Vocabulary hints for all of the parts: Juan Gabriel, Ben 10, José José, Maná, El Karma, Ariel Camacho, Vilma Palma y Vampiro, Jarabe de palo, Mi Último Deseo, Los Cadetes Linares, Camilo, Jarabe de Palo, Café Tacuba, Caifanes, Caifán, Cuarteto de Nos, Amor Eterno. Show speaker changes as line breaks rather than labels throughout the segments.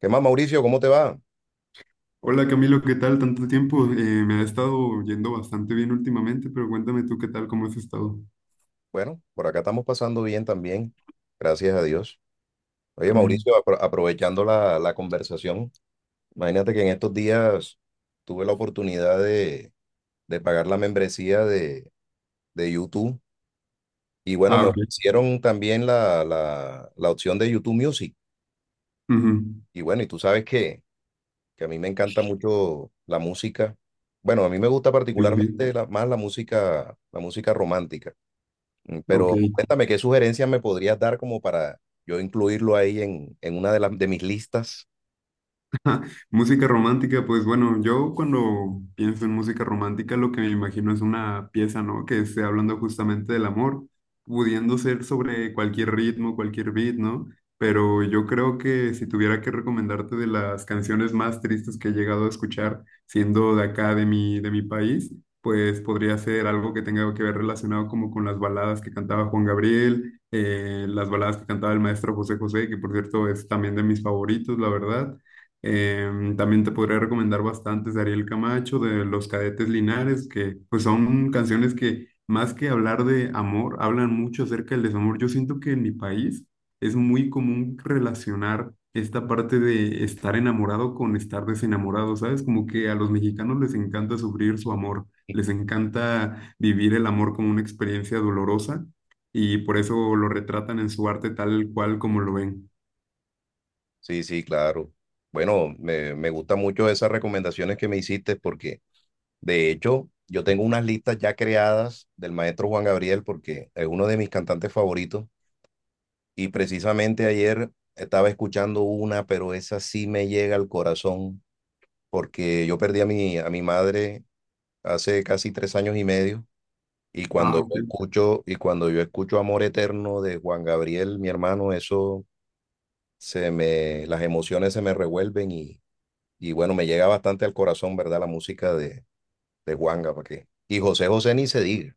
¿Qué más, Mauricio? ¿Cómo te va?
Hola Camilo, ¿qué tal? Tanto tiempo. Me ha estado yendo bastante bien últimamente, pero cuéntame tú qué tal, cómo has estado.
Bueno, por acá estamos pasando bien también, gracias a Dios. Oye,
Mm.
Mauricio, aprovechando la conversación, imagínate que en estos días tuve la oportunidad de pagar la membresía de YouTube y bueno,
Ah,
me
ok.
ofrecieron también la opción de YouTube Music.
Ujú.
Y bueno, y tú sabes que a mí me encanta mucho la música. Bueno, a mí me gusta
Sí, sí.
particularmente más la música romántica.
Ok.
Pero cuéntame, ¿qué sugerencias me podrías dar como para yo incluirlo ahí en una de las de mis listas?
Música romántica, pues bueno, yo cuando pienso en música romántica lo que me imagino es una pieza, ¿no? Que esté hablando justamente del amor, pudiendo ser sobre cualquier ritmo, cualquier beat, ¿no? Pero yo creo que si tuviera que recomendarte de las canciones más tristes que he llegado a escuchar, siendo de acá, de mi país, pues podría ser algo que tenga que ver relacionado como con las baladas que cantaba Juan Gabriel, las baladas que cantaba el maestro José José, que por cierto es también de mis favoritos, la verdad. También te podría recomendar bastantes de Ariel Camacho, de Los Cadetes Linares, que pues son canciones que más que hablar de amor, hablan mucho acerca del desamor. Yo siento que en mi país es muy común relacionar esta parte de estar enamorado con estar desenamorado, ¿sabes? Como que a los mexicanos les encanta sufrir su amor, les encanta vivir el amor como una experiencia dolorosa y por eso lo retratan en su arte tal cual como lo ven.
Sí, sí, claro. Bueno, me gustan mucho esas recomendaciones que me hiciste porque de hecho yo tengo unas listas ya creadas del maestro Juan Gabriel porque es uno de mis cantantes favoritos y precisamente ayer estaba escuchando una, pero esa sí me llega al corazón porque yo perdí a a mi madre hace casi tres años y medio.
Ah, ok.
Y cuando yo escucho Amor Eterno de Juan Gabriel, mi hermano, las emociones se me revuelven y bueno, me llega bastante al corazón, ¿verdad? La música de Juan Gabriel. Y José José ni se diga.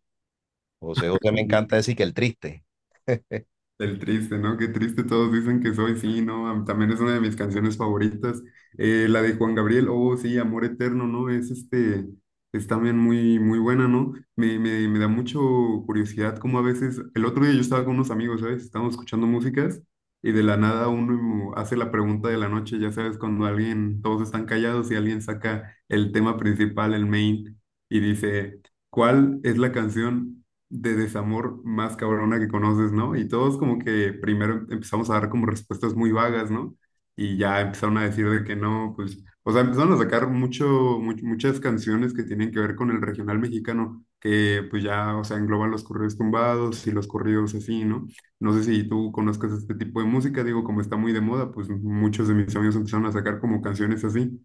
José José, me encanta decir que el triste.
El triste, ¿no? Qué triste todos dicen que soy, sí, ¿no? También es una de mis canciones favoritas. La de Juan Gabriel, oh, sí, Amor Eterno, ¿no? Es este, es también muy, muy buena, ¿no? Me da mucho curiosidad como a veces, el otro día yo estaba con unos amigos, ¿sabes? Estábamos escuchando músicas y de la nada uno hace la pregunta de la noche, ya sabes, cuando alguien, todos están callados y alguien saca el tema principal, el main, y dice, ¿cuál es la canción de desamor más cabrona que conoces, ¿no? Y todos como que primero empezamos a dar como respuestas muy vagas, ¿no? Y ya empezaron a decir de que no, pues, o sea, empezaron a sacar mucho, muchas canciones que tienen que ver con el regional mexicano, que pues ya, o sea, engloban los corridos tumbados y los corridos así, ¿no? No sé si tú conozcas este tipo de música, digo, como está muy de moda, pues muchos de mis amigos empezaron a sacar como canciones así.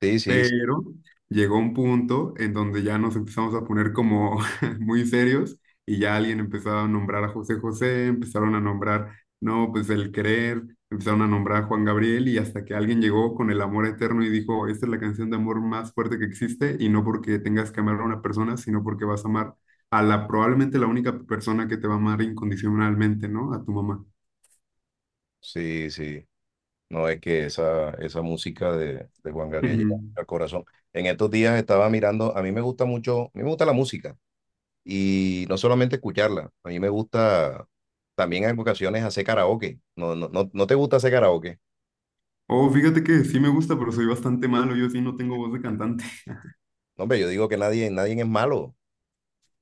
Sí, sí,
Pero llegó un punto en donde ya nos empezamos a poner como muy serios y ya alguien empezó a nombrar a José José, empezaron a nombrar, no, pues el querer, empezaron a nombrar a Juan Gabriel y hasta que alguien llegó con el amor eterno y dijo, esta es la canción de amor más fuerte que existe y no porque tengas que amar a una persona, sino porque vas a amar a la probablemente la única persona que te va a amar incondicionalmente, ¿no? A tu mamá.
sí, sí. No, es que esa música de Juan Gabriel llega
Ujú.
al corazón. En estos días estaba mirando, a mí me gusta mucho, a mí me gusta la música y no solamente escucharla, a mí me gusta también en ocasiones hacer karaoke. ¿No, no, no, no te gusta hacer karaoke?
Oh, fíjate que sí me gusta, pero soy bastante malo, yo sí no tengo voz de cantante.
No, hombre, yo digo que nadie, nadie es malo.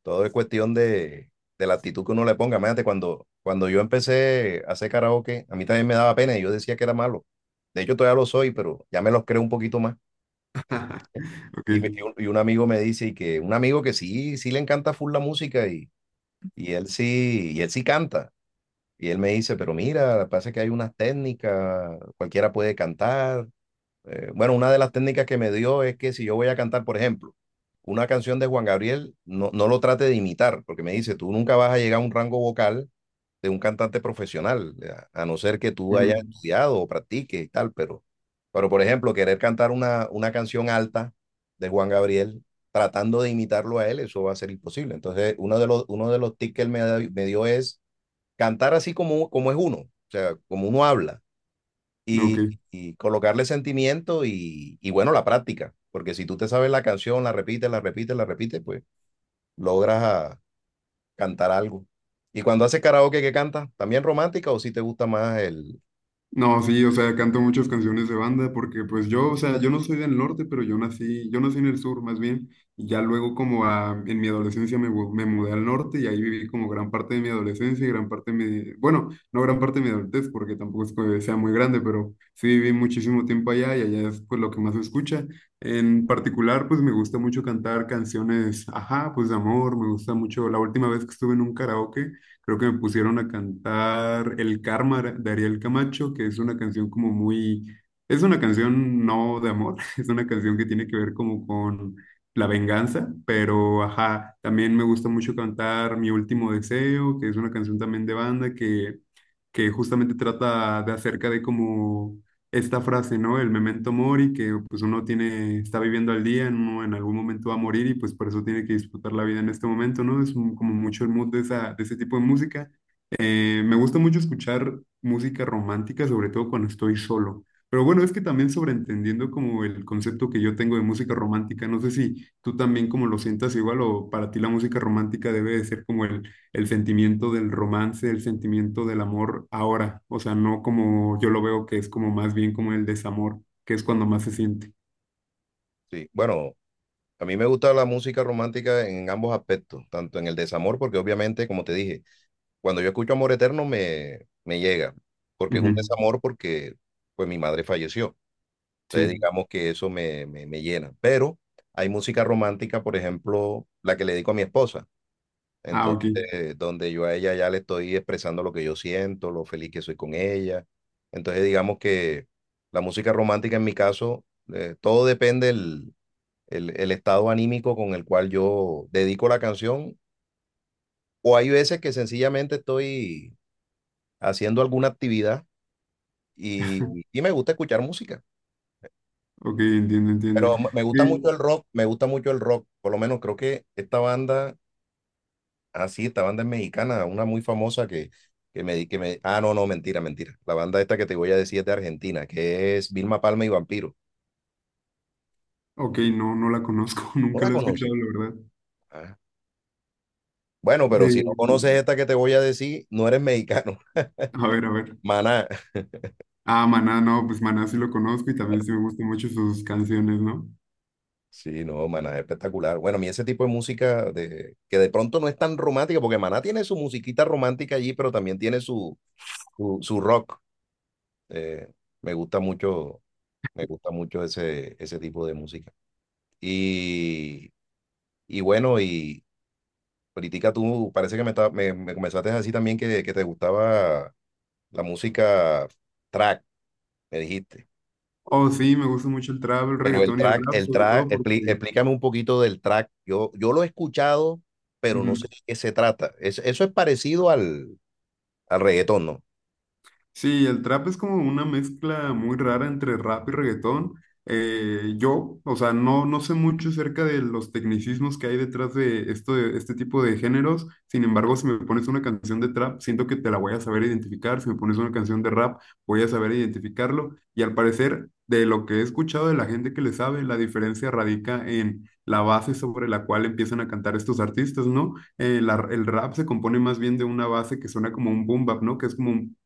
Todo es cuestión de la actitud que uno le ponga. Imagínate, cuando yo empecé a hacer karaoke, a mí también me daba pena y yo decía que era malo. De hecho, todavía lo soy, pero ya me los creo un poquito más.
Ok.
Y, y un amigo me dice y que un amigo que sí, sí le encanta full la música y él sí canta. Y él me dice, pero mira, pasa que hay unas técnicas, cualquiera puede cantar. Bueno, una de las técnicas que me dio es que si yo voy a cantar, por ejemplo, una canción de Juan Gabriel, no, no lo trate de imitar, porque me dice, tú nunca vas a llegar a un rango vocal de un cantante profesional, a no ser que tú hayas
Ujú.
estudiado o practiques y tal, pero por ejemplo, querer cantar una canción alta de Juan Gabriel tratando de imitarlo a él, eso va a ser imposible. Entonces, uno de los tips que él me dio es cantar así como, como es uno, o sea, como uno habla
Ok.
y, y colocarle sentimiento y bueno, la práctica, porque si tú te sabes la canción, la repites, la repites, la repites, pues logras a- cantar algo. Y cuando hace karaoke, ¿qué canta? ¿También romántica o si sí te gusta más el...?
No, sí, o sea, canto muchas canciones de banda porque pues yo, o sea, yo no soy del norte, pero yo nací en el sur más bien, y ya luego como en mi adolescencia me, me mudé al norte y ahí viví como gran parte de mi adolescencia y gran parte de mi, bueno, no gran parte de mi adultez porque tampoco es que sea muy grande, pero sí viví muchísimo tiempo allá y allá es pues lo que más se escucha. En particular, pues me gusta mucho cantar canciones, ajá, pues de amor, me gusta mucho, la última vez que estuve en un karaoke. Creo que me pusieron a cantar El Karma de Ariel Camacho, que es una canción como muy, es una canción no de amor, es una canción que tiene que ver como con la venganza, pero ajá, también me gusta mucho cantar Mi Último Deseo, que es una canción también de banda que justamente trata de acerca de como esta frase, ¿no? El memento mori, que pues uno tiene, está viviendo al día, uno en algún momento va a morir y pues por eso tiene que disfrutar la vida en este momento, ¿no? Como mucho el mood de esa, de ese tipo de música. Me gusta mucho escuchar música romántica, sobre todo cuando estoy solo. Pero bueno, es que también sobreentendiendo como el concepto que yo tengo de música romántica, no sé si tú también como lo sientas igual o para ti la música romántica debe de ser como el sentimiento del romance, el sentimiento del amor ahora, o sea, no como yo lo veo que es como más bien como el desamor, que es cuando más se siente.
Sí, bueno, a mí me gusta la música romántica en ambos aspectos, tanto en el desamor, porque obviamente, como te dije, cuando yo escucho Amor Eterno me llega, porque es un
Ujú.
desamor porque pues mi madre falleció. Entonces
Sí.
digamos que eso me llena. Pero hay música romántica, por ejemplo, la que le dedico a mi esposa.
Ah, ok,
Entonces, donde yo a ella ya le estoy expresando lo que yo siento, lo feliz que soy con ella. Entonces, digamos que la música romántica en mi caso, todo depende del el estado anímico con el cual yo dedico la canción. O hay veces que sencillamente estoy haciendo alguna actividad y me gusta escuchar música.
ok, entiendo, entiendo.
Pero me gusta mucho
Sí.
el rock, me gusta mucho el rock. Por lo menos creo que esta banda... Ah, sí, esta banda es mexicana, una muy famosa que me, di- que me... Ah, no, no, mentira, mentira. La banda esta que te voy a decir es de Argentina, que es Vilma Palma y Vampiro.
Ok, no, no la conozco,
¿No
nunca
la
la he
conoces?
escuchado, la verdad.
Ah, bueno, pero
De,
si no conoces esta que te voy a decir, no eres mexicano.
a ver, a ver.
Maná.
Ah, Maná, no, pues Maná sí lo conozco y también sí me gustan mucho sus canciones, ¿no?
Sí, no, Maná es espectacular. Bueno, a mí ese tipo de música de, que de pronto no es tan romántica, porque Maná tiene su musiquita romántica allí, pero también tiene su rock. Eh, me gusta mucho, me gusta mucho ese tipo de música. Y... Y bueno, y, ahorita tú parece que me comenzaste a decir también que te gustaba la música track, me dijiste.
Oh, sí, me gusta mucho el trap, el
Pero
reggaetón y el rap,
el
sobre
track,
todo porque...
explícame un poquito del track. Yo lo he escuchado, pero no
Ujú.
sé de qué se trata. Eso es parecido al, al reggaetón, ¿no?
Sí, el trap es como una mezcla muy rara entre rap y reggaetón. Yo, o sea, no sé mucho acerca de los tecnicismos que hay detrás de, esto, de este tipo de géneros. Sin embargo, si me pones una canción de trap, siento que te la voy a saber identificar. Si me pones una canción de rap, voy a saber identificarlo. Y al parecer, de lo que he escuchado de la gente que le sabe, la diferencia radica en la base sobre la cual empiezan a cantar estos artistas, ¿no? El rap se compone más bien de una base que suena como un boom bap, ¿no? Que es como un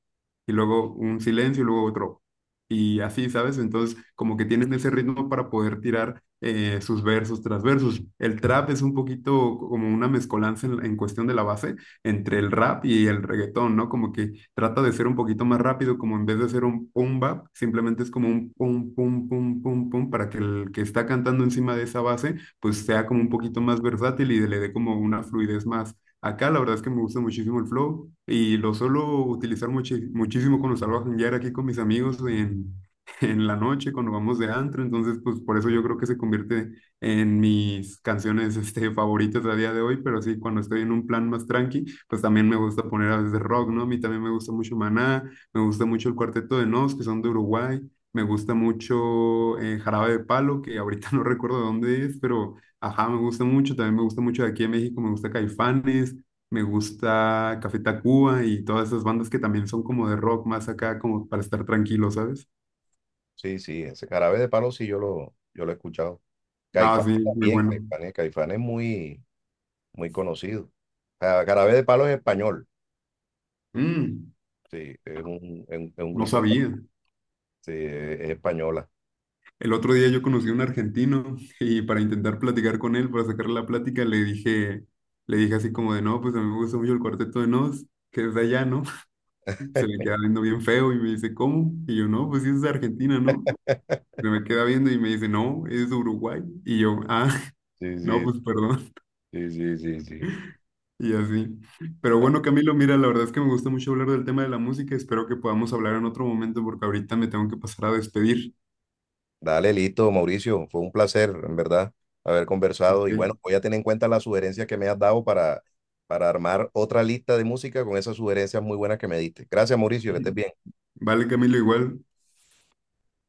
y luego un silencio y luego otro. Y así, ¿sabes? Entonces, como que tienen ese ritmo para poder tirar sus versos tras versos. El trap es un poquito como una mezcolanza en cuestión de la base entre el rap y el reggaetón, ¿no? Como que trata de ser un poquito más rápido, como en vez de ser un pum bap, simplemente es como un pum, pum, pum, pum, pum, para que el que está cantando encima de esa base, pues sea como un poquito más versátil y le dé como una fluidez más. Acá la verdad es que me gusta muchísimo el flow y lo suelo utilizar muchísimo cuando salgo a janguear aquí con mis amigos en, en la noche, cuando vamos de antro. Entonces, pues por eso yo creo que se convierte en mis canciones este, favoritas a día de hoy. Pero sí, cuando estoy en un plan más tranqui, pues también me gusta poner a veces rock, ¿no? A mí también me gusta mucho Maná, me gusta mucho el Cuarteto de Nos, que son de Uruguay. Me gusta mucho Jarabe de Palo, que ahorita no recuerdo de dónde es, pero... Ajá, me gusta mucho, también me gusta mucho de aquí en México, me gusta Caifanes, me gusta Café Tacuba y todas esas bandas que también son como de rock más acá, como para estar tranquilo, ¿sabes?
Sí, sí, ese jarabe de palo sí yo lo he escuchado.
Ah,
Caifán
sí, muy
también,
bueno.
Caifán es muy, muy conocido. Ah, Jarabe de palo es español,
Mm,
sí, es un
no
grupo,
sabía.
sí, es española.
El otro día yo conocí a un argentino y para intentar platicar con él, para sacarle la plática, le dije así como de, no, pues a mí me gusta mucho el Cuarteto de Nos, que es de allá, ¿no? Se le queda viendo bien feo y me dice, ¿cómo? Y yo, no, pues sí es de Argentina, ¿no? Se me queda viendo y me dice, no, es de Uruguay. Y yo, ah,
Sí,
no,
sí,
pues perdón.
sí, sí, sí, sí.
Y así. Pero bueno, Camilo, mira, la verdad es que me gusta mucho hablar del tema de la música. Espero que podamos hablar en otro momento porque ahorita me tengo que pasar a despedir.
Dale, listo, Mauricio. Fue un placer, en verdad, haber conversado. Y bueno,
Ok.
voy a tener en cuenta las sugerencias que me has dado para armar otra lista de música con esas sugerencias muy buenas que me diste. Gracias, Mauricio, que estés bien.
Vale, Camilo, igual.